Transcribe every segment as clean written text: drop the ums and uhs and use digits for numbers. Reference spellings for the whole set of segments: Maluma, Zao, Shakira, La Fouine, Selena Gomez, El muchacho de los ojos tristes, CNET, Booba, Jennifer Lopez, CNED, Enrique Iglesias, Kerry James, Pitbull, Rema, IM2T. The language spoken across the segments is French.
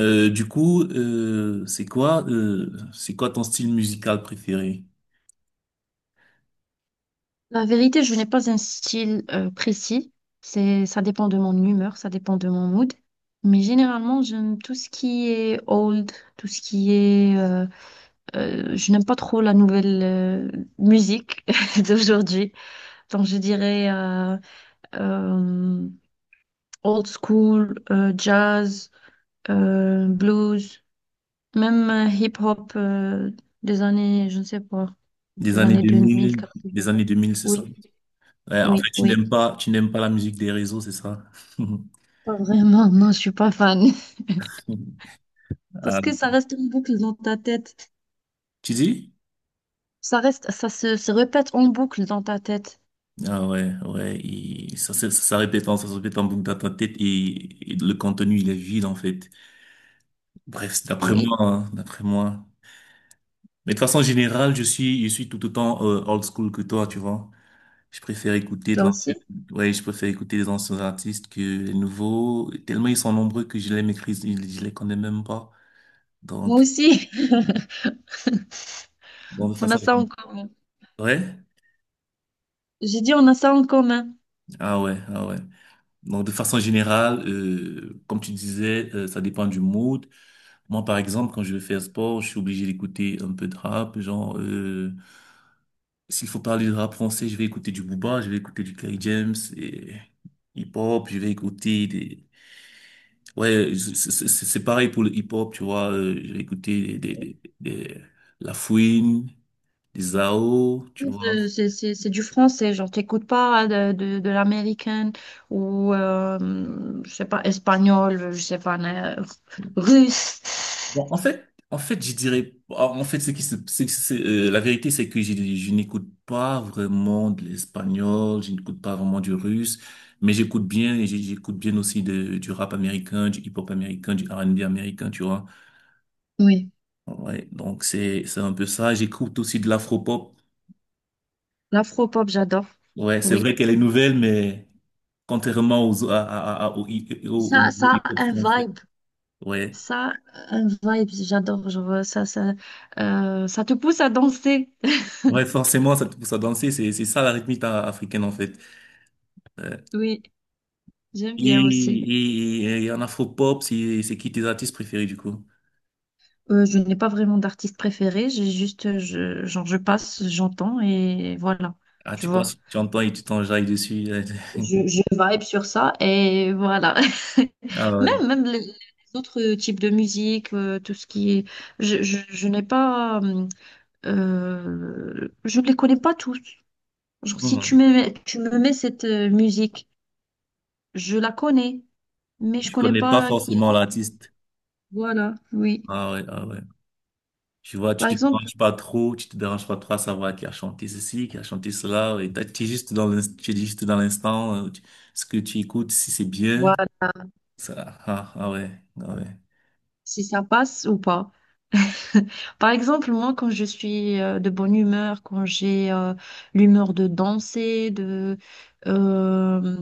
Du coup, c'est quoi ton style musical préféré? La vérité, je n'ai pas un style précis. Ça dépend de mon humeur, ça dépend de mon mood. Mais généralement, j'aime tout ce qui est old, tout ce qui est... je n'aime pas trop la nouvelle musique d'aujourd'hui. Donc, je dirais euh, old school, jazz, blues, même hip-hop des années, je ne sais pas, Des des années années 2000, 2000, des 80. années 2000, c'est ça? Oui, Ouais, en oui, fait, oui. Tu n'aimes pas la musique des réseaux, c'est ça? Pas vraiment, non, je suis pas fan. Ah, Parce que ça reste en boucle dans ta tête. tu dis? Ça reste, se répète en boucle dans ta tête. Ah ouais, ouais, et ça se répète en boucle dans ta tête et le contenu, il est vide, en fait. Bref, c'est d'après Oui, moi, hein, d'après moi. Mais de façon générale, je suis tout autant old school que toi, tu vois. Je préfère écouter de toi l'ancien- aussi? ouais, je préfère écouter des anciens artistes que les nouveaux, tellement ils sont nombreux que je les maîtrise, je les connais même pas. Moi Donc, aussi. bon, de On façon a ça générale, en commun. ouais, J'ai dit on a ça en commun. ah ouais, ah ouais. Donc, de façon générale, comme tu disais, ça dépend du mood. Moi, par exemple, quand je vais faire sport, je suis obligé d'écouter un peu de rap. Genre, s'il faut parler de rap français, je vais écouter du Booba, je vais écouter du Kerry James et hip-hop, je vais écouter des, ouais, c'est pareil pour le hip-hop, tu vois. J'ai écouté La Fouine, des Zao, tu vois. C'est c'est du français, genre t'écoutes pas de l'américaine ou je sais pas, espagnol, je sais pas, russe. Bon, en fait, je dirais, en fait, ce qui se, c'est- la vérité, c'est que je n'écoute pas vraiment de l'espagnol, je n'écoute pas vraiment du russe, mais j'écoute bien, et j'écoute bien aussi du rap américain, du hip-hop américain, du R&B américain, tu vois. Oui, Ouais, donc c'est un peu ça. J'écoute aussi de l'afro-pop. l'afro-pop, j'adore. Ouais, c'est Oui. vrai qu'elle est nouvelle, mais contrairement aux, à- au, au- au Ça, niveau ça hip-hop a un français. vibe. Ouais. Ça, un vibe, j'adore. Ça te pousse à danser. Ouais, forcément, ça te pousse à danser. C'est ça la rythmique africaine, en fait. Oui, j'aime bien aussi. Et, et en afro-pop, c'est qui tes artistes préférés, du coup? Je n'ai pas vraiment d'artiste préféré. J'ai juste, genre, je passe, j'entends et voilà. Ah, Tu tu vois, passes, tu entends et tu t'enjailles dessus. Je vibe sur ça et voilà. Ah ouais. Même, même les autres types de musique, tout ce qui est. Je n'ai pas. Je ne les connais pas tous. Genre, si tu Mhm. me, tu me mets cette musique. Je la connais, mais je Tu connais connais pas pas qui. forcément l'artiste. Voilà, oui. Ah ouais, ah ouais. Tu vois, Par exemple, tu te déranges pas trop à savoir qui a chanté ceci, qui a chanté cela. Tu es juste dans tu es juste dans l'instant, ce que tu écoutes, si c'est bien. voilà, Ça, ah, ah ouais, ah ouais. si ça passe ou pas. Par exemple, moi, quand je suis de bonne humeur, quand j'ai l'humeur de euh,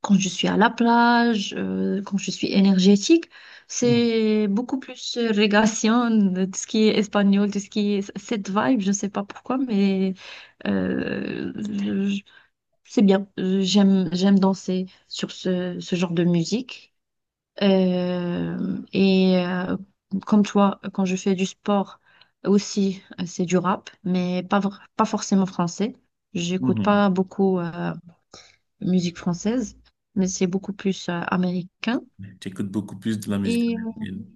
quand je suis à la plage, quand je suis énergétique, Mhm. c'est beaucoup plus régation, de tout ce qui est espagnol, tout ce qui est cette vibe. Je ne sais pas pourquoi, mais euh, c'est bien. J'aime, j'aime danser ce genre de musique. Euh, et euh, comme toi, quand je fais du sport aussi, c'est du rap, mais pas forcément français. J'écoute pas beaucoup musique française, mais c'est beaucoup plus américain. Mhm. J'écoute beaucoup plus de la musique Et euh, américaine.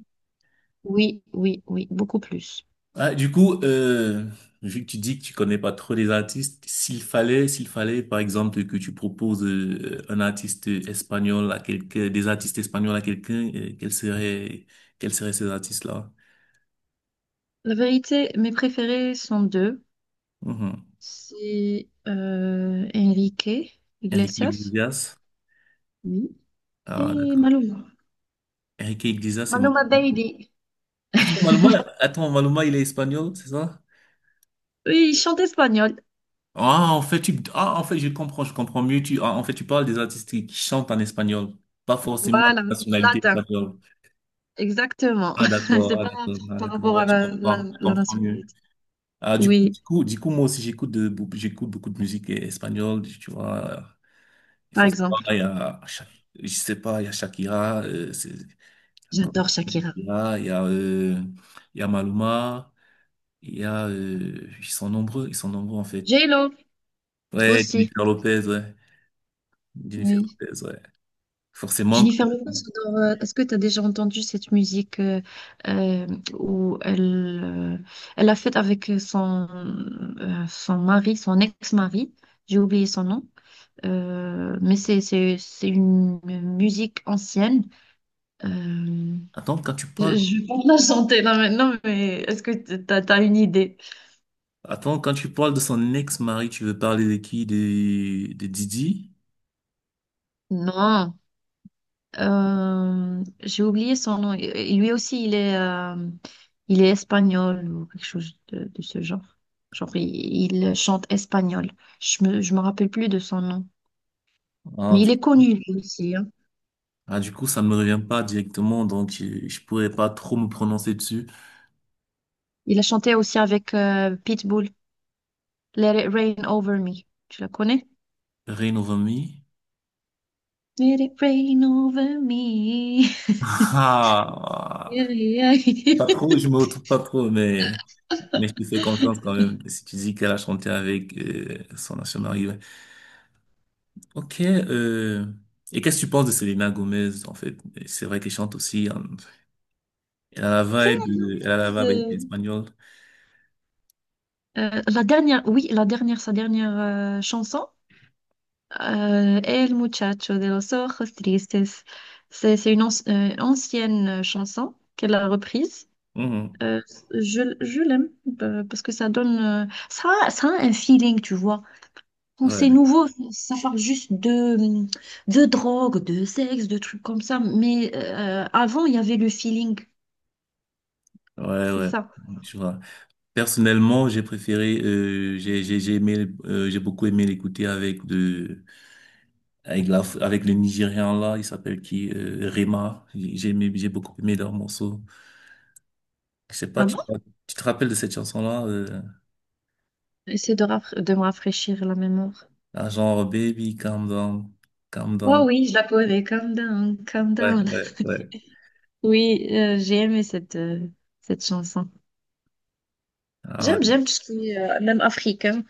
oui, oui, oui, beaucoup plus. Ah, du coup, vu que tu dis que tu connais pas trop les artistes, s'il fallait, par exemple, que tu proposes un artiste espagnol à quelqu'un, des artistes espagnols à quelqu'un, quels seraient ces artistes-là? La vérité, mes préférés sont deux. Mhm. C'est Enrique Enrique Iglesias, Iglesias. oui, Ah, et d'accord. Maluma. Enrique Iglesias, c'est Maluma. Maluma Bailey. Attends, Maluma, attends, Maluma, il est espagnol, c'est ça? Oui, il chante espagnol. Ah, en fait, je comprends mieux. Ah, en fait, tu parles des artistes qui chantent en espagnol, pas forcément de Voilà, nationalité latin. espagnole. Exactement. Ah, C'est d'accord, ah, pas d'accord, ah, par d'accord. rapport Ouais, à la, je la comprends mieux. nationalité. Ah, Oui, du coup, moi aussi, j'écoute beaucoup de musique espagnole, tu vois. Il par faut savoir, exemple. il y a, Sha- je sais pas, il y a Shakira, J'adore Shakira. Shakira, il y a Maluma, ils sont nombreux, en fait. J-Lo Ouais, aussi. Jennifer Lopez, ouais. Jennifer Oui. Lopez, ouais. Forcément que... Jennifer Lopez, j'adore. Est-ce que tu as déjà entendu cette musique euh, où elle, elle a fait avec son, son mari, son ex-mari? J'ai oublié son nom. Mais c'est, c'est une musique ancienne. Euh, Attends, quand tu parles... je vais pas la chanter là maintenant, mais est-ce que t'as, t'as une idée? Attends, quand tu parles de son ex-mari, tu veux parler de qui? De Didi? Non. J'ai oublié son nom. Et lui aussi, il est espagnol ou quelque chose de ce genre. Genre, il chante espagnol. Je me rappelle plus de son nom. Ah Mais du... il est connu lui aussi, hein. ah, du coup, ça ne me revient pas directement, donc je pourrais pas trop me prononcer dessus. Il a chanté aussi avec Pitbull. Let it rain over me. Tu la connais? Rain Over Me? Let it rain over me. Ah, Yeah, yeah. pas trop, je me retrouve pas trop, mais je te fais confiance quand même. Si tu dis qu'elle a chanté avec son ancien mari, ouais. Ok, et qu'est-ce que tu penses de Selena Gomez, en fait? C'est vrai qu'elle chante aussi, hein. Elle a C'est la vibe, la elle a la vibe base. espagnole. La dernière, oui, la dernière, sa dernière chanson, El muchacho de los ojos tristes. C'est une ancienne chanson qu'elle a reprise. Mhm. Euh, je l'aime, parce que ça donne, ça a un feeling, tu vois. Quand c'est Ouais, nouveau, ça parle juste de drogue, de sexe, de trucs comme ça. Mais avant, il y avait le feeling, ouais, c'est ouais, ça. je vois. Personnellement, j'ai préféré, j'ai aimé, j'ai beaucoup aimé l'écouter avec avec le Nigérian là, il s'appelle qui, Rema. J'ai aimé, j'ai beaucoup aimé leur morceau. Je sais pas, Ah bon? tu te rappelles de cette chanson là, Essaie de, de me rafraîchir la mémoire. ah, genre Baby, calm down, calm Oh down. oui, je la connais. Calm down, calm Ouais, down. ouais, ouais. Oui, j'ai aimé cette, cette chanson. Ah ouais. J'aime, j'aime tout ce qui est même africain.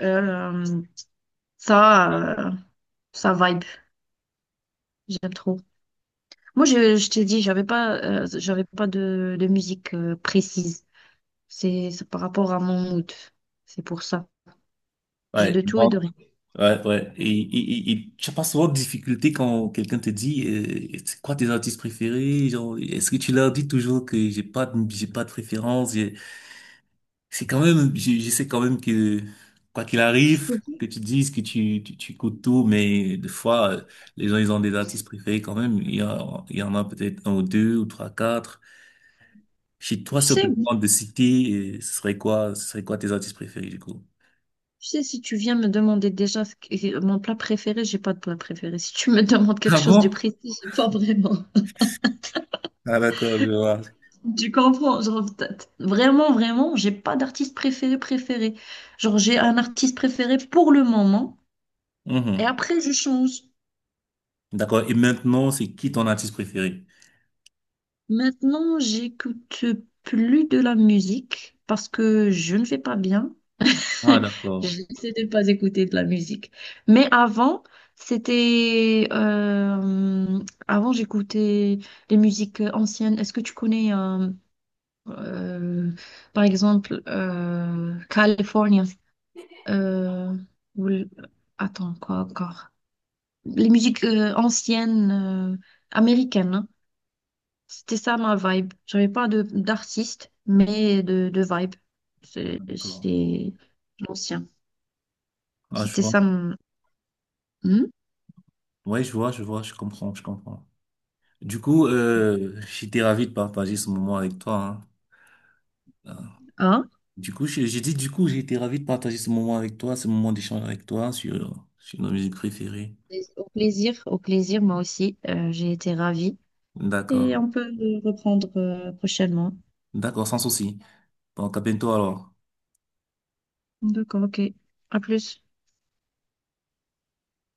Euh, ça, euh, ça vibe. J'aime trop. Moi, je t'ai dit, j'avais pas de, de musique précise. C'est par rapport à mon mood. C'est pour ça. J'ai Ouais. de tout et de rien. Ouais, ouais. Et tu as pas souvent de difficulté quand quelqu'un te dit, c'est quoi tes artistes préférés? Genre, est-ce que tu leur dis toujours que j'ai pas de préférence? C'est quand même, je sais quand même que, quoi qu'il Je arrive, peux- pas- que tu dises que tu écoutes tout, mais des fois, les gens, ils ont des artistes préférés quand même. Il y en a peut-être un ou deux ou trois, quatre. Chez toi, Tu si on te sais, demande de citer, ce serait quoi tes artistes préférés, du coup? tu sais, si tu viens me demander déjà mon plat préféré, j'ai pas de plat préféré. Si tu me demandes quelque Ah chose de bon? précis, j'ai pas vraiment. Ah d'accord, je Tu comprends? Genre, vraiment, vraiment, j'ai pas d'artiste préféré préféré. Genre, j'ai un artiste préféré pour le moment et vois. après, je change. D'accord. Et maintenant, c'est qui ton artiste préféré? Maintenant, j'écoute plus de la musique parce que je ne vais pas bien. Ah, d'accord. J'essaie de ne pas écouter de la musique. Mais avant, c'était... euh, avant, j'écoutais les musiques anciennes. Est-ce que tu connais, euh, par exemple, California? Euh, ou l- Attends, quoi encore? Les musiques anciennes américaines, hein. C'était ça ma vibe. J'avais pas de d'artiste, mais de vibe. D'accord. C'est l'ancien. Ah, je C'était vois. ça mon... Hmm. Ouais, je vois, je vois, je comprends, je comprends. Du coup, Ouais. J'étais ravi de partager ce moment avec toi, hein. Ah. Hein. Du coup, j'ai dit, du coup, j'ai été ravi de partager ce moment avec toi, ce moment d'échange avec toi sur nos musiques préférées. Au plaisir, moi aussi. J'ai été ravie. Et D'accord. on peut le reprendre prochainement. D'accord, sans souci. Bon, à bientôt alors. D'accord, ok. À plus.